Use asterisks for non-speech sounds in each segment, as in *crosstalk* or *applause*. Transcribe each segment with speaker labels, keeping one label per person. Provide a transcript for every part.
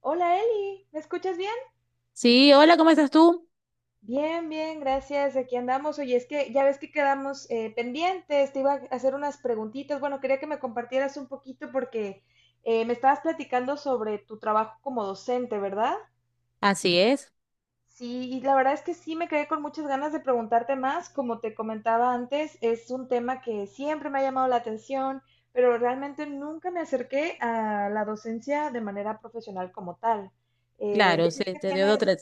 Speaker 1: Hola Eli, ¿me escuchas bien?
Speaker 2: Sí, hola, ¿cómo estás tú?
Speaker 1: Bien, bien, gracias. Aquí andamos. Oye, es que ya ves que quedamos pendientes. Te iba a hacer unas preguntitas. Bueno, quería que me compartieras un poquito porque me estabas platicando sobre tu trabajo como docente, ¿verdad?
Speaker 2: Así es,
Speaker 1: Sí, y la verdad es que sí me quedé con muchas ganas de preguntarte más. Como te comentaba antes, es un tema que siempre me ha llamado la atención, pero realmente nunca me acerqué a la docencia de manera profesional como tal.
Speaker 2: claro,
Speaker 1: Decías que tienes.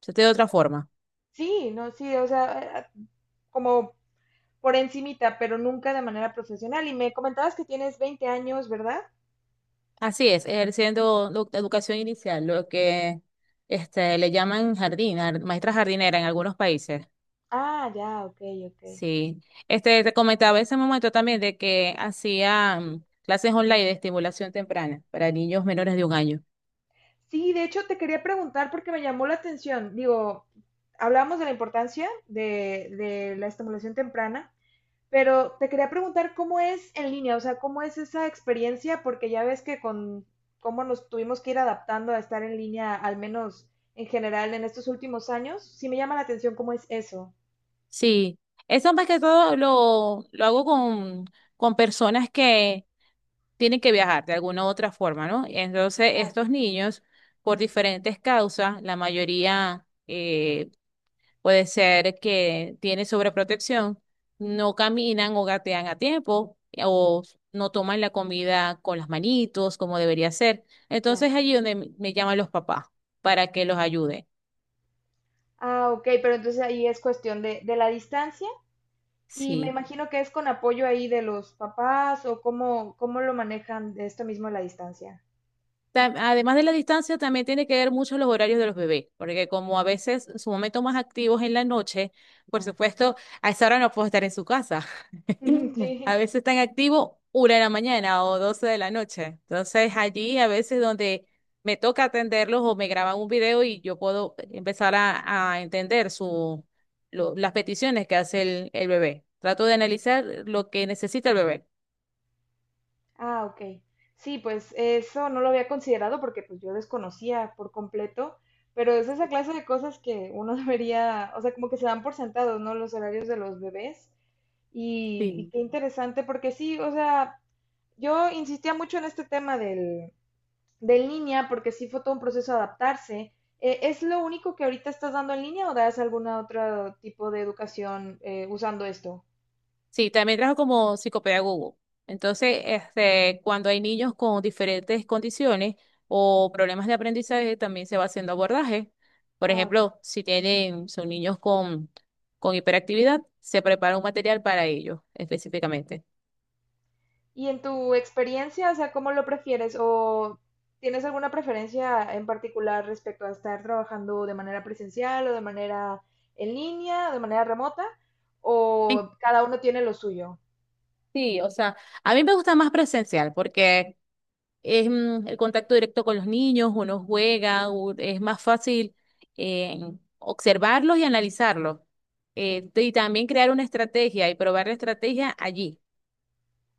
Speaker 2: se te dio de otra forma.
Speaker 1: Sí, no, sí, o sea, como por encimita, pero nunca de manera profesional. Y me comentabas que tienes 20 años, ¿verdad?
Speaker 2: Así es, ejerciendo educación inicial, lo que le llaman jardín, maestra jardinera en algunos países.
Speaker 1: Ah, ya, ok, ok.
Speaker 2: Sí, te comentaba ese momento también de que hacían clases online de estimulación temprana para niños menores de un año.
Speaker 1: Sí, de hecho te quería preguntar porque me llamó la atención. Digo, hablamos de la importancia de la estimulación temprana, pero te quería preguntar cómo es en línea, o sea, cómo es esa experiencia, porque ya ves que con cómo nos tuvimos que ir adaptando a estar en línea, al menos en general en estos últimos años, sí me llama la atención cómo es eso.
Speaker 2: Sí, eso más que todo lo hago con personas que tienen que viajar de alguna u otra forma, ¿no? Entonces,
Speaker 1: Ah,
Speaker 2: estos niños, por diferentes causas, la mayoría puede ser que tiene sobreprotección, no caminan o gatean a tiempo, o no toman la comida con las manitos como debería ser.
Speaker 1: ya.
Speaker 2: Entonces, allí donde me llaman los papás para que los ayude.
Speaker 1: Ah, ok, pero entonces ahí es cuestión de la distancia y me
Speaker 2: Sí.
Speaker 1: imagino que es con apoyo ahí de los papás o cómo lo manejan de esto mismo de la distancia.
Speaker 2: Además de la distancia, también tiene que ver mucho los horarios de los bebés, porque como a veces su momento más activo es en la noche, por
Speaker 1: Ya.
Speaker 2: supuesto, a esa hora no puedo estar en su casa.
Speaker 1: *laughs*
Speaker 2: *laughs* A
Speaker 1: Sí.
Speaker 2: veces están activos una de la mañana o 12 de la noche. Entonces allí a veces donde me toca atenderlos o me graban un video y yo puedo empezar a entender las peticiones que hace el bebé. Trato de analizar lo que necesita el bebé.
Speaker 1: Ah, ok. Sí, pues eso no lo había considerado porque pues yo desconocía por completo, pero es esa clase de cosas que uno *laughs* debería, o sea, como que se dan por sentados, ¿no? Los horarios de los bebés. Y qué interesante porque sí, o sea, yo insistía mucho en este tema de en línea, porque sí fue todo un proceso de adaptarse. ¿Es lo único que ahorita estás dando en línea o das algún otro tipo de educación usando esto?
Speaker 2: Sí, también trabajo como psicopedagogo. Entonces, cuando hay niños con diferentes condiciones o problemas de aprendizaje, también se va haciendo abordaje. Por
Speaker 1: Ah, ok.
Speaker 2: ejemplo, si tienen, son niños con hiperactividad, se prepara un material para ellos específicamente.
Speaker 1: Y en tu experiencia, o sea, ¿cómo lo prefieres? ¿O tienes alguna preferencia en particular respecto a estar trabajando de manera presencial o de manera en línea, o de manera remota? ¿O cada uno tiene lo suyo?
Speaker 2: Sí, o sea, a mí me gusta más presencial porque es el contacto directo con los niños, uno juega, es más fácil eh, observarlos y analizarlos.
Speaker 1: Sí,
Speaker 2: Y también crear una estrategia y probar la estrategia allí,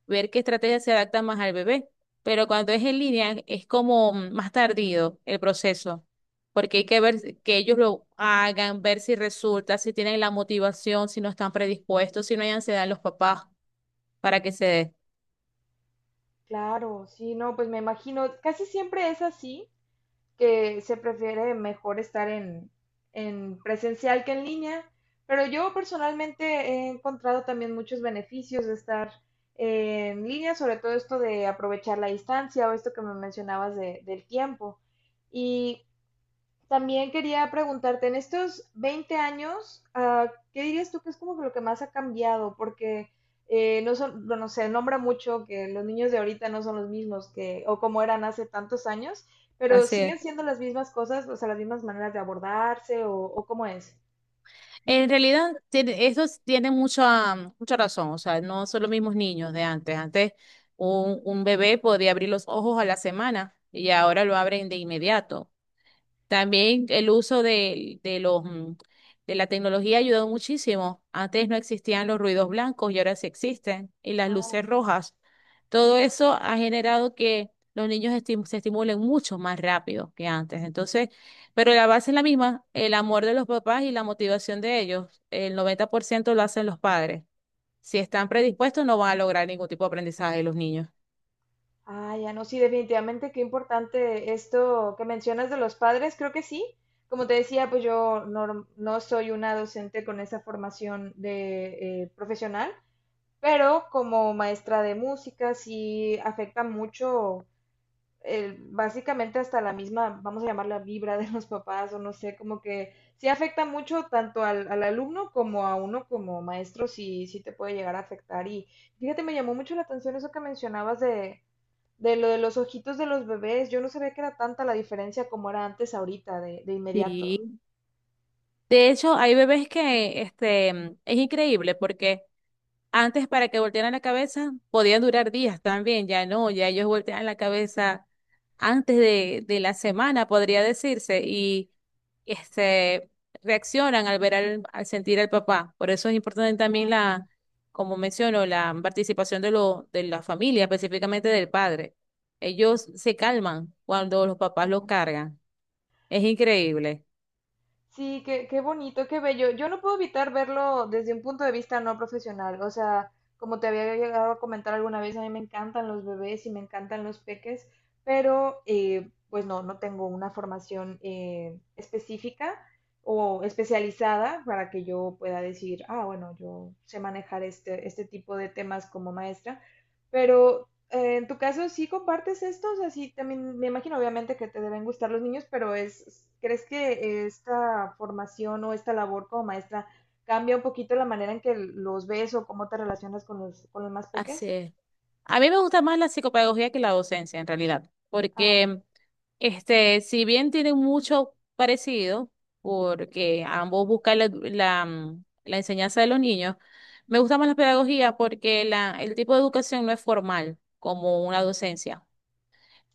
Speaker 2: ver qué estrategia se adapta más al bebé. Pero cuando es en línea es como más tardío el proceso, porque hay que ver que ellos lo hagan, ver si resulta, si tienen la motivación, si no están predispuestos, si no hay ansiedad en los papás para que se dé.
Speaker 1: claro, sí, no, pues me imagino, casi siempre es así, que se prefiere mejor estar en presencial que en línea, pero yo personalmente he encontrado también muchos beneficios de estar en línea, sobre todo esto de aprovechar la distancia o esto que me mencionabas del tiempo. Y también quería preguntarte, en estos 20 años, ah, ¿qué dirías tú que es como que lo que más ha cambiado? Porque no son, bueno, se nombra mucho que los niños de ahorita no son los mismos que, o como eran hace tantos años, pero
Speaker 2: Así es.
Speaker 1: siguen siendo las mismas cosas, o sea, las mismas maneras de abordarse, o cómo es.
Speaker 2: En realidad, tiene mucha, mucha razón. O sea, no son los mismos niños de antes. Antes, un bebé podía abrir los ojos a la semana y ahora lo abren de inmediato. También el uso de la tecnología ha ayudado muchísimo. Antes no existían los ruidos blancos y ahora sí existen, y las
Speaker 1: Ah,
Speaker 2: luces rojas. Todo eso ha generado que los niños se estimulen mucho más rápido que antes. Entonces, pero la base es la misma, el amor de los papás y la motivación de ellos. El 90% lo hacen los padres. Si están predispuestos, no van a lograr ningún tipo de aprendizaje de los niños.
Speaker 1: ah, ya no, sí, definitivamente qué importante esto que mencionas de los padres, creo que sí. Como te decía, pues yo no, no soy una docente con esa formación de profesional. Pero como maestra de música sí afecta mucho, básicamente hasta la misma, vamos a llamarla vibra de los papás o no sé, como que sí afecta mucho tanto al alumno como a uno como maestro, sí, sí te puede llegar a afectar. Y fíjate, me llamó mucho la atención eso que mencionabas de lo de los ojitos de los bebés. Yo no sabía que era tanta la diferencia como era antes ahorita, de inmediato.
Speaker 2: Sí. De hecho, hay bebés que es increíble porque antes para que voltearan la cabeza podían durar días también, ya no, ya ellos voltean la cabeza antes de la semana, podría decirse, y este, reaccionan al ver al sentir al papá. Por eso es importante también la, como menciono, la participación de la familia, específicamente del padre. Ellos se calman cuando los papás los cargan. Es increíble.
Speaker 1: Sí, qué bonito, qué bello. Yo no puedo evitar verlo desde un punto de vista no profesional. O sea, como te había llegado a comentar alguna vez, a mí me encantan los bebés y me encantan los peques, pero pues no, no tengo una formación específica o especializada para que yo pueda decir, ah, bueno, yo sé manejar este tipo de temas como maestra. Pero en tu caso, ¿sí compartes estos? Así también me imagino, obviamente, que te deben gustar los niños, pero ¿Crees que esta formación o esta labor como maestra cambia un poquito la manera en que los ves o cómo te relacionas con los más
Speaker 2: Así
Speaker 1: peques?
Speaker 2: es. A mí me gusta más la psicopedagogía que la docencia, en realidad,
Speaker 1: Ah, ok.
Speaker 2: porque si bien tienen mucho parecido, porque ambos buscan la enseñanza de los niños, me gusta más la pedagogía porque el tipo de educación no es formal como una docencia.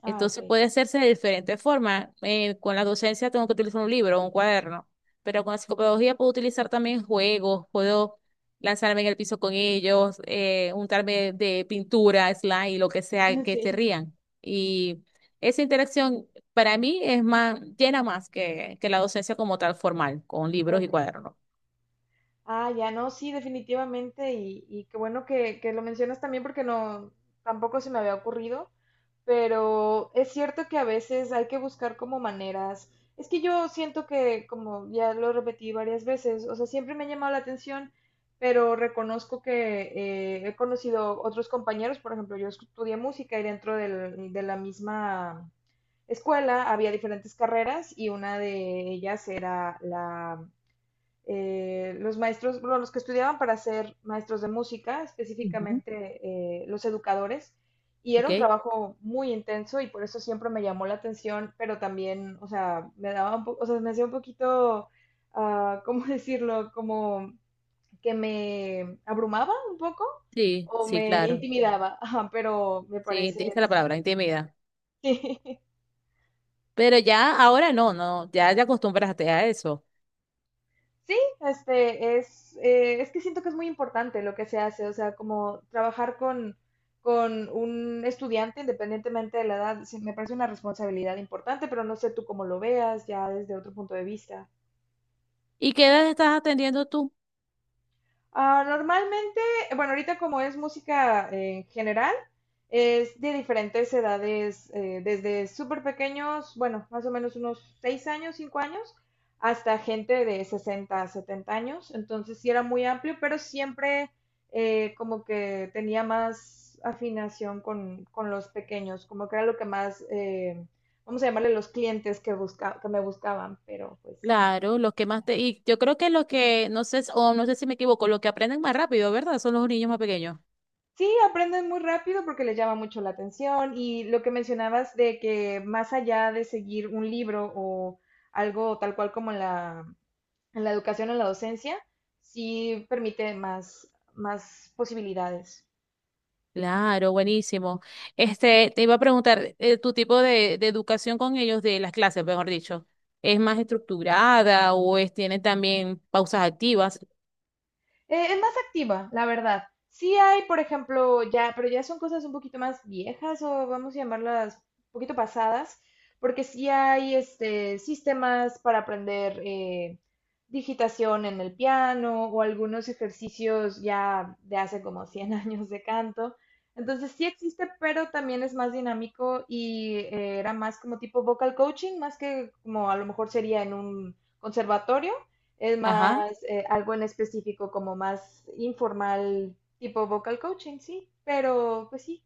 Speaker 1: Ah, ok.
Speaker 2: Entonces puede hacerse de diferentes formas. Con la docencia tengo que utilizar un libro o un cuaderno, pero con la psicopedagogía puedo utilizar también juegos, puedo lanzarme en el piso con ellos, untarme de pintura, slime, lo que sea,
Speaker 1: *laughs*
Speaker 2: que se
Speaker 1: Sí.
Speaker 2: rían. Y esa interacción para mí llena más que la docencia como tal formal, con libros y
Speaker 1: Ok.
Speaker 2: cuadernos.
Speaker 1: Ah, ya no, sí, definitivamente. Y qué bueno que lo mencionas también porque no, tampoco se me había ocurrido. Pero es cierto que a veces hay que buscar como maneras. Es que yo siento que, como ya lo repetí varias veces, o sea, siempre me ha llamado la atención, pero reconozco que he conocido otros compañeros, por ejemplo, yo estudié música y dentro de la misma escuela había diferentes carreras y una de ellas era la los maestros, bueno, los que estudiaban para ser maestros de música,
Speaker 2: Ujú.
Speaker 1: específicamente los educadores, y era
Speaker 2: ¿Ok?
Speaker 1: un trabajo muy intenso y por eso siempre me llamó la atención, pero también, o sea, me daba un poco, o sea, me hacía un poquito, ah, *laughs* ¿cómo decirlo? Como que me abrumaba un poco
Speaker 2: Sí,
Speaker 1: o
Speaker 2: sí,
Speaker 1: me
Speaker 2: claro.
Speaker 1: intimidaba, *laughs* ajá, pero me
Speaker 2: Sí, esa es
Speaker 1: parece
Speaker 2: la palabra,
Speaker 1: súper...
Speaker 2: intimida.
Speaker 1: *laughs*
Speaker 2: Pero ya ahora no, no, ya te acostumbraste a eso.
Speaker 1: Sí, es que siento que es muy importante lo que se hace, o sea, como trabajar con un estudiante independientemente de la edad, sí, me parece una responsabilidad importante, pero no sé tú cómo lo veas ya desde otro punto de vista.
Speaker 2: ¿Y qué edad estás atendiendo tú?
Speaker 1: Ah, normalmente, bueno, ahorita como es música en general, es de diferentes edades, desde súper pequeños, bueno, más o menos unos 6 años, 5 años, hasta gente de 60 70 años. Entonces sí era muy amplio, pero siempre como que tenía más afinación con los pequeños, como que era lo que más, vamos a llamarle los clientes que me buscaban, pero pues
Speaker 2: Claro, los que más te. Y yo creo que los que, no sé, o no sé si me equivoco, los que aprenden más rápido, ¿verdad? Son los niños más pequeños.
Speaker 1: Sí, aprenden muy rápido porque les llama mucho la atención y lo que mencionabas de que más allá de seguir un libro o algo tal cual como en la educación o en la docencia, sí permite más posibilidades.
Speaker 2: Claro, buenísimo. Te iba a preguntar, tu tipo de educación con ellos, de las clases, mejor dicho, ¿es más estructurada o tiene también pausas activas?
Speaker 1: Es más activa, la verdad. Sí hay, por ejemplo, ya, pero ya son cosas un poquito más viejas o vamos a llamarlas un poquito pasadas, porque sí hay este, sistemas para aprender digitación en el piano o algunos ejercicios ya de hace como 100 *laughs* años de canto. Entonces sí existe, pero también es más dinámico y era más como tipo vocal coaching, más que como a lo mejor sería en un conservatorio. Es
Speaker 2: Ajá,
Speaker 1: más algo en específico, como más informal, tipo vocal coaching, sí. Pero pues sí,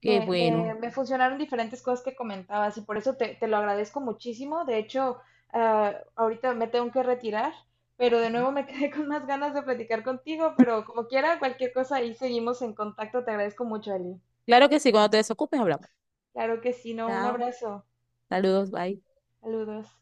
Speaker 2: qué
Speaker 1: me, me,
Speaker 2: bueno.
Speaker 1: me funcionaron diferentes cosas que comentabas y por eso te lo agradezco muchísimo. De hecho, ah, ahorita me tengo que retirar, pero de
Speaker 2: Ujú.
Speaker 1: nuevo me quedé *laughs* con más ganas de platicar contigo, pero como quiera, cualquier cosa ahí seguimos en contacto. Te agradezco mucho, Ali.
Speaker 2: Claro que sí, cuando te desocupes hablamos.
Speaker 1: Claro que sí, no, un
Speaker 2: Chao.
Speaker 1: abrazo.
Speaker 2: Saludos, bye.
Speaker 1: Saludos.